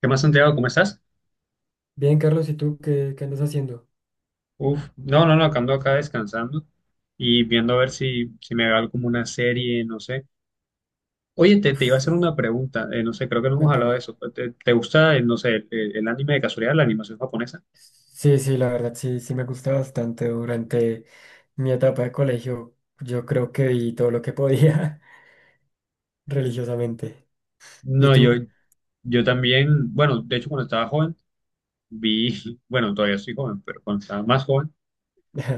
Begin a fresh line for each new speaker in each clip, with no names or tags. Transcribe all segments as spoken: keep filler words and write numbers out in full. ¿Qué más, Santiago? ¿Cómo estás?
Bien, Carlos, ¿y tú qué, qué andas haciendo?
Uf, no, no, no, acá ando acá descansando y viendo a ver si, si me veo como una serie, no sé. Oye, te, te iba a
Uf,
hacer una pregunta, eh, no sé, creo que no hemos hablado de
cuéntame.
eso. ¿Te, te gusta, eh, no sé, el, el- el anime de casualidad, la animación japonesa?
Sí, sí, la verdad, sí, sí me gusta bastante. Durante mi etapa de colegio, yo creo que vi todo lo que podía religiosamente. ¿Y
No, yo,
tú?
yo también, bueno, de hecho cuando estaba joven, vi, bueno, todavía soy joven, pero cuando estaba más joven,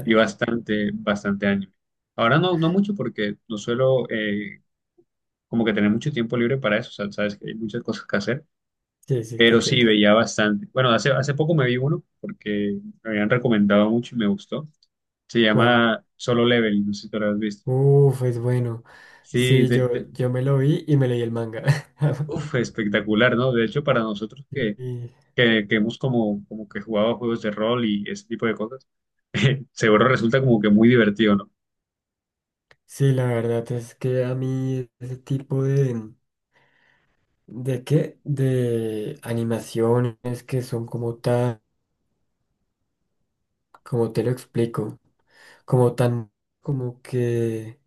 vi bastante, bastante anime. Ahora no, no mucho porque no suelo eh, como que tener mucho tiempo libre para eso, o sea, sabes que hay muchas cosas que hacer.
Sí, sí, te
Pero sí,
entiendo.
veía bastante. Bueno, hace, hace poco me vi uno porque me habían recomendado mucho y me gustó. Se
¿Cuál?
llama Solo Level, no sé si tú lo has visto.
Uf, es bueno.
Sí,
Sí,
de,
yo,
de-
yo me lo vi y me leí el manga.
uf, espectacular, ¿no? De hecho, para nosotros
Y-
que,
y-
que, que hemos como, como que jugado juegos de rol y ese tipo de cosas, seguro resulta como que muy divertido, ¿no?
sí, la verdad es que a mí ese tipo de... ¿De qué? De animaciones que son como tan... ¿Cómo te lo explico? Como tan, como que,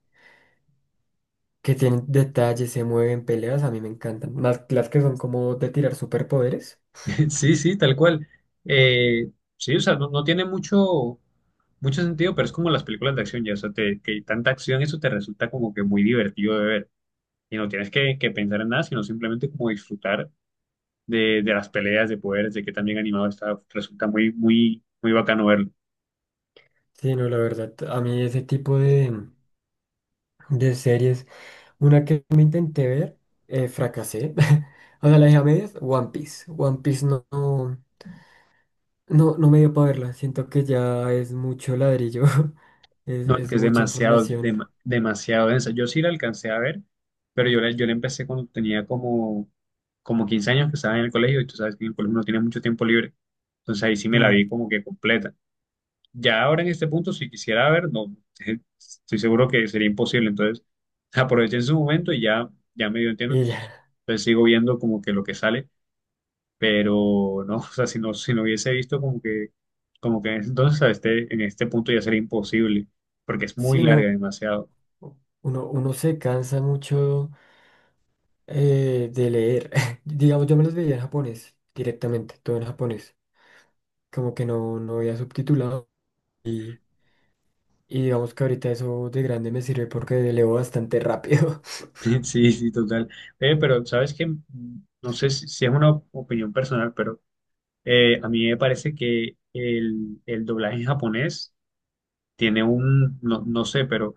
que tienen detalles, se mueven, peleas, a mí me encantan. Más las que son como de tirar superpoderes.
Sí, sí, tal cual. Eh, sí, o sea, no, no tiene mucho, mucho sentido, pero es como las películas de acción, ya, o sea, te- que tanta acción, eso te resulta como que muy divertido de ver. Y no tienes que, que pensar en nada, sino simplemente como disfrutar de, de las peleas de poderes, de que también animado está, resulta muy, muy, muy bacano verlo.
Sí, no, la verdad, a mí ese tipo de, de series, una que me intenté ver, eh, fracasé. O sea, la dejé a medias, One Piece. One Piece no, no, no, no me dio para verla. Siento que ya es mucho ladrillo, es,
No, es que
es
es
mucha
demasiado,
información.
dema- demasiado densa. Yo sí la alcancé a ver, pero yo la, yo la empecé cuando tenía como, como quince años que estaba en el colegio, y tú sabes que en el colegio uno tiene mucho tiempo libre. Entonces ahí sí me la
Mm,
vi como que completa. Ya ahora en este punto, si quisiera ver, no, estoy seguro que sería imposible. Entonces, aproveché en su momento y ya, ya medio entiendo.
Y
Entonces,
ya,
entonces sigo viendo como que lo que sale, pero no, o sea, si no, si no hubiese visto como que, como que entonces a este, en este punto ya sería imposible, porque es muy
sí,
larga
no,
demasiado.
uno, uno se cansa mucho eh, de leer. Digamos, yo me los veía en japonés, directamente, todo en japonés. Como que no, no había subtitulado. Y, y digamos que ahorita eso de grande me sirve porque leo bastante rápido.
Sí, sí, total. Eh, pero sabes que, no sé si, si es una opinión personal, pero eh, a mí me parece que el, el doblaje en japonés tiene un, no, no sé, pero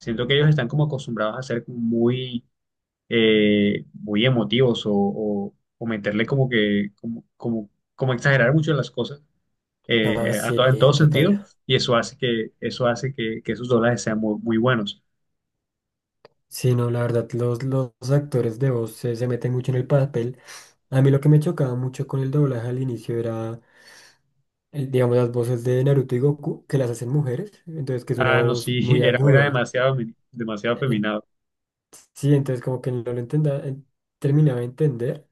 siento que ellos están como acostumbrados a ser muy, eh, muy emotivos o, o, o meterle como que, como, como, como exagerar mucho las cosas,
Ah,
eh, eh, a
sí,
to- en todo
total.
sentido, y eso hace que, eso hace que, que esos dólares sean muy, muy buenos.
Sí, no, la verdad, los, los actores de voz se, se meten mucho en el papel. A mí lo que me chocaba mucho con el doblaje al inicio era, el- digamos, las voces de Naruto y Goku, que las hacen mujeres, entonces que es una
Ah, no,
voz
sí,
muy
era, era
aguda.
demasiado, mi- demasiado
En-
afeminado.
sí, entonces como que no lo entendía, terminaba de entender.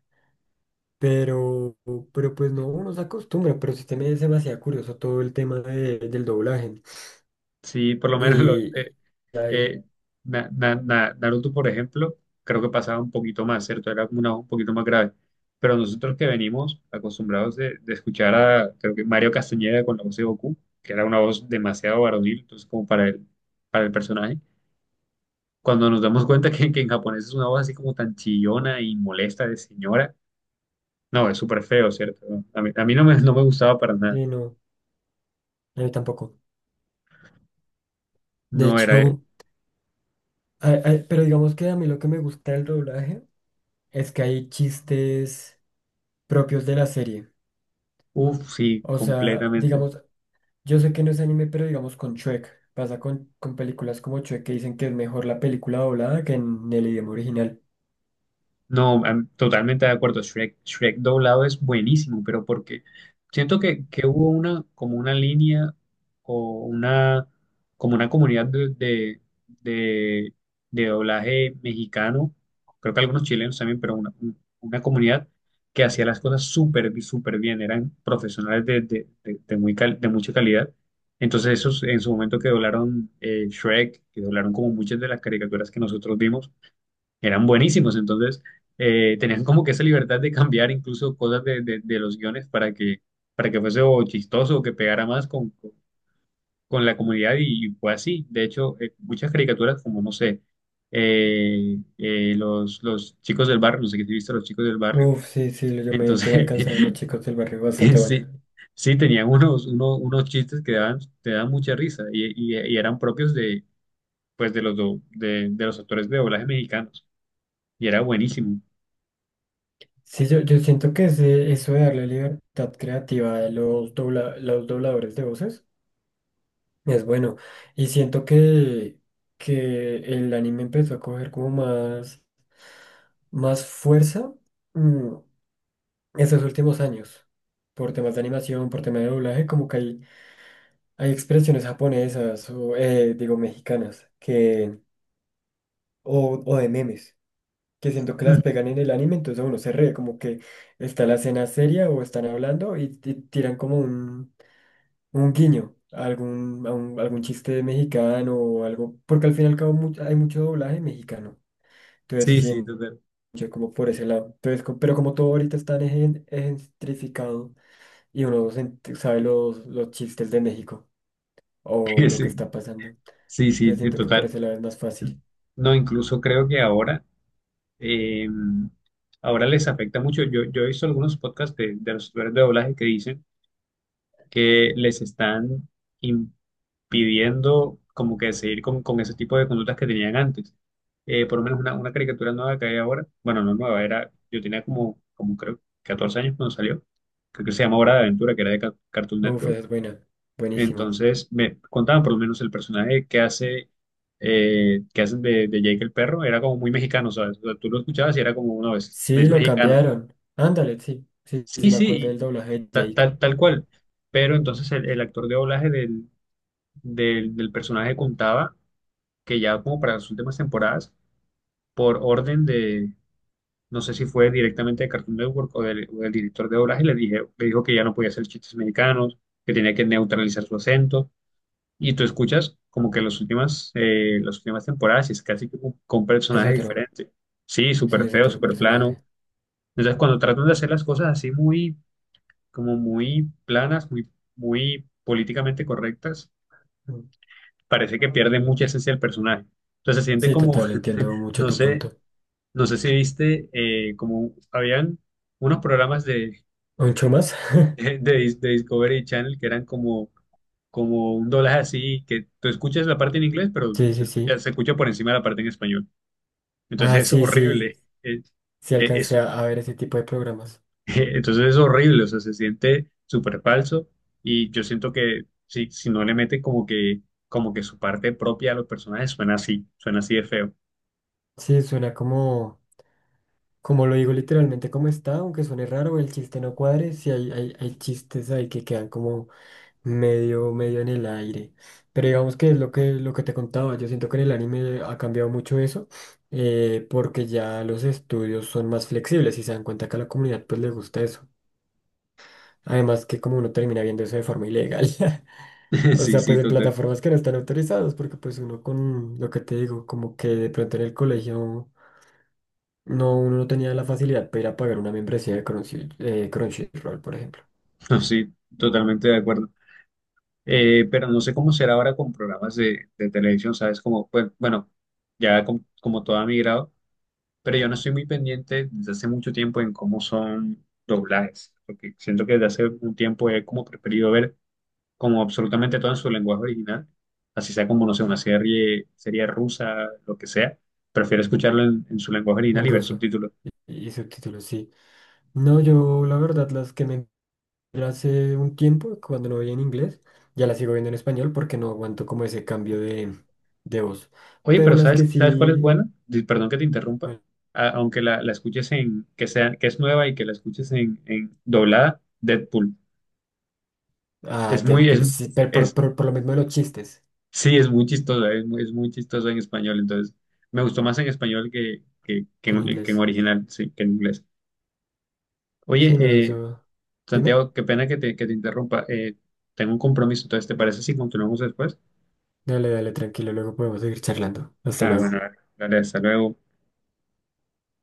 Pero, pero pues no, uno se acostumbra, pero sí también es demasiado curioso todo el tema de- del doblaje.
Sí, por lo menos lo-
Y,
eh,
y ahí,
eh, Na- Na- Na- Naruto, por ejemplo, creo que pasaba un poquito más, ¿cierto? Era como una, voz un poquito más grave. Pero nosotros que venimos acostumbrados de, de escuchar a, creo que Mario Castañeda con la voz de Goku, que era una voz demasiado varonil, entonces como para el, para el personaje. Cuando nos damos cuenta que, que en japonés es una voz así como tan chillona y molesta de señora, no, es súper feo, ¿cierto? No, a mí, a mí no me, no me gustaba para nada.
sí, no, a mí tampoco. De
No era,
hecho, ay- ay, pero digamos que a mí lo que me gusta del doblaje es que hay chistes propios de la serie.
uff, sí,
O sea,
completamente.
digamos, yo sé que no es anime, pero digamos con Shrek. Pasa con, con películas como Shrek que dicen que es mejor la película doblada que en el idioma original.
No, am- totalmente de acuerdo. Shrek, Shrek doblado es buenísimo, pero porque siento que, que hubo una, como una línea o una, como una comunidad de, de, de, de doblaje mexicano, creo que algunos chilenos también, pero una, un- una comunidad que hacía las cosas súper, súper bien. Eran profesionales de, de, de, de muy cal- de mucha calidad. Entonces, esos en su momento que doblaron eh, Shrek, que doblaron como muchas de las caricaturas que nosotros vimos eran buenísimos. Entonces, eh, tenían como que esa libertad de cambiar incluso cosas de, de- de los guiones para que, para que fuese o chistoso o que pegara más con, con- con la comunidad y, y fue así. De hecho, eh, muchas caricaturas como, no sé, eh, eh, los, los chicos del barrio, no sé qué si viste, los chicos del barrio.
Uf, sí, sí, yo me, yo me
Entonces,
alcancé a ver los chicos del barrio, bastante buena.
sí. Sí, tenían unos, unos, unos chistes que daban, te dan mucha risa y, y- y eran propios de, pues, de los, do- de, de los actores de doblaje mexicanos y era buenísimo.
Sí, yo, yo siento que ese- eso de darle libertad creativa a los, dobla- los dobladores de voces es bueno. Y siento que, que el anime empezó a coger como más, más fuerza mm, esos últimos años. Por temas de animación, por temas de doblaje, como que hay, hay expresiones japonesas o, eh, digo, mexicanas que, o, o de memes, que siento que las pegan en el anime, entonces uno se ríe, como que está la escena seria o están hablando y, y tiran como un, un guiño a algún, a un- algún chiste mexicano o algo, porque al fin y al cabo mu- hay mucho doblaje mexicano. Entonces,
Sí,
sí,
sí,
en-
total.
como por ese lado. Entonces, co- pero como todo ahorita está en- gentrificado y uno sen- sabe los, los chistes de México o lo que
Sí,
está pasando.
sí, sí,
Entonces
de
siento que por
total.
ese lado es más fácil.
No, incluso creo que ahora, eh, ahora les afecta mucho. Yo, yo he visto algunos podcasts de, de los usuarios de doblaje que dicen que les están impidiendo como que seguir con, con ese tipo de conductas que tenían antes. Eh, por lo menos una, una caricatura nueva que hay ahora, bueno, no nueva, era, yo tenía como, como creo, catorce años cuando salió. Creo que se llama Hora de Aventura, que era de Ca- Cartoon
Uf,
Network.
esa es buena. Buenísimo.
Entonces me contaban por lo menos el personaje que hace, eh, que hacen de, de Jake el perro, era como muy mexicano, ¿sabes? O sea, tú lo escuchabas y era como uno es,
Sí,
es
lo
mexicano.
cambiaron. Ándale, sí. Sí, sí,
Sí,
me
sí,
acuerdo del
y
doblaje de
ta-
Jake.
tal, tal cual. Pero entonces el, el actor de doblaje del, del, del personaje contaba que ya como para las últimas temporadas, por orden de, no sé si fue directamente de Cartoon Network o del, o del director de doblaje, le dije, le dijo que ya no podía hacer chistes mexicanos, que tenía que neutralizar su acento. Y tú escuchas como que las últimas, eh, las últimas temporadas y es casi que con, con
Es
personajes
otro.
diferentes. Sí,
Sí,
súper
es
feo,
otro
súper plano.
personaje.
Entonces, cuando tratan de hacer las cosas así muy, como muy planas, muy, muy políticamente correctas, parece que
Mm.
pierde mucha esencia el personaje. Entonces, se siente
Sí,
como,
total, entiendo mucho
no
tu
sé,
punto.
no sé si viste, eh, como habían unos programas de,
¿Mucho más?
de, Dis- de Discovery Channel que eran como, como un doblaje así, que tú escuchas la parte en inglés, pero
Sí,
se
sí,
escucha,
sí.
se escucha por encima de la parte en español.
Ah,
Entonces es
sí, sí,
horrible. Es-
sí
es-
alcancé
es-
a a ver ese tipo de programas.
entonces es horrible, o sea, se siente súper falso y yo siento que si, si no le meten como que, como que su parte propia a los personajes, suena así, suena así de feo.
Sí, suena como, como lo digo literalmente como está, aunque suene raro, el chiste no cuadre, sí hay, hay, hay chistes ahí que quedan como medio, medio en el aire. Pero digamos que es lo que, lo que te contaba, yo siento que en el anime ha cambiado mucho eso, eh, porque ya los estudios son más flexibles y se dan cuenta que a la comunidad pues le gusta eso. Además que como uno termina viendo eso de forma ilegal. O
Sí,
sea,
sí,
pues en
total.
plataformas que no están autorizadas, porque pues uno con lo que te digo, como que de pronto en el colegio no, uno no tenía la facilidad para ir a pagar una membresía de Crunchy- eh, Crunchyroll, por ejemplo,
No, sí, totalmente de acuerdo. Eh, pero no sé cómo será ahora con programas de, de televisión, ¿sabes? Como, pues, bueno, ya com- como, todo ha migrado, pero yo no estoy muy pendiente desde hace mucho tiempo en cómo son doblajes, porque siento que desde hace un tiempo he como preferido ver como absolutamente todo en su lenguaje original, así sea como, no sé, una serie, serie rusa, lo que sea, prefiero escucharlo en, en su lenguaje original
en
y ver
ruso,
subtítulos.
y, y subtítulos, sí. No, yo la verdad las que me entré hace un tiempo, cuando no veía en inglés, ya las sigo viendo en español porque no aguanto como ese cambio de, de voz.
Oye,
Pero
pero
las
¿sabes,
que
sabes cuál es
sí...
buena? Di- Perdón que te interrumpa.
¿cuál?
A- aunque la, la escuches en, que sea, que es nueva y que la escuches en, en doblada, Deadpool.
Ah,
Es muy, es,
Deadpool, sí, pero por,
es,
por, por lo mismo de los chistes
sí, es muy chistoso, es muy, es muy chistoso en español. Entonces, me gustó más en español que, que, que
que en
en, que en
inglés.
original, sí, que en inglés. Oye,
Sí, no,
eh,
eso... Dime.
Santiago, qué pena que te, que te interrumpa. Eh, tengo un compromiso, entonces, ¿te parece si continuamos después?
Dale, dale, tranquilo, luego podemos seguir charlando. Hasta
Ah, bueno,
luego.
dale, hasta luego.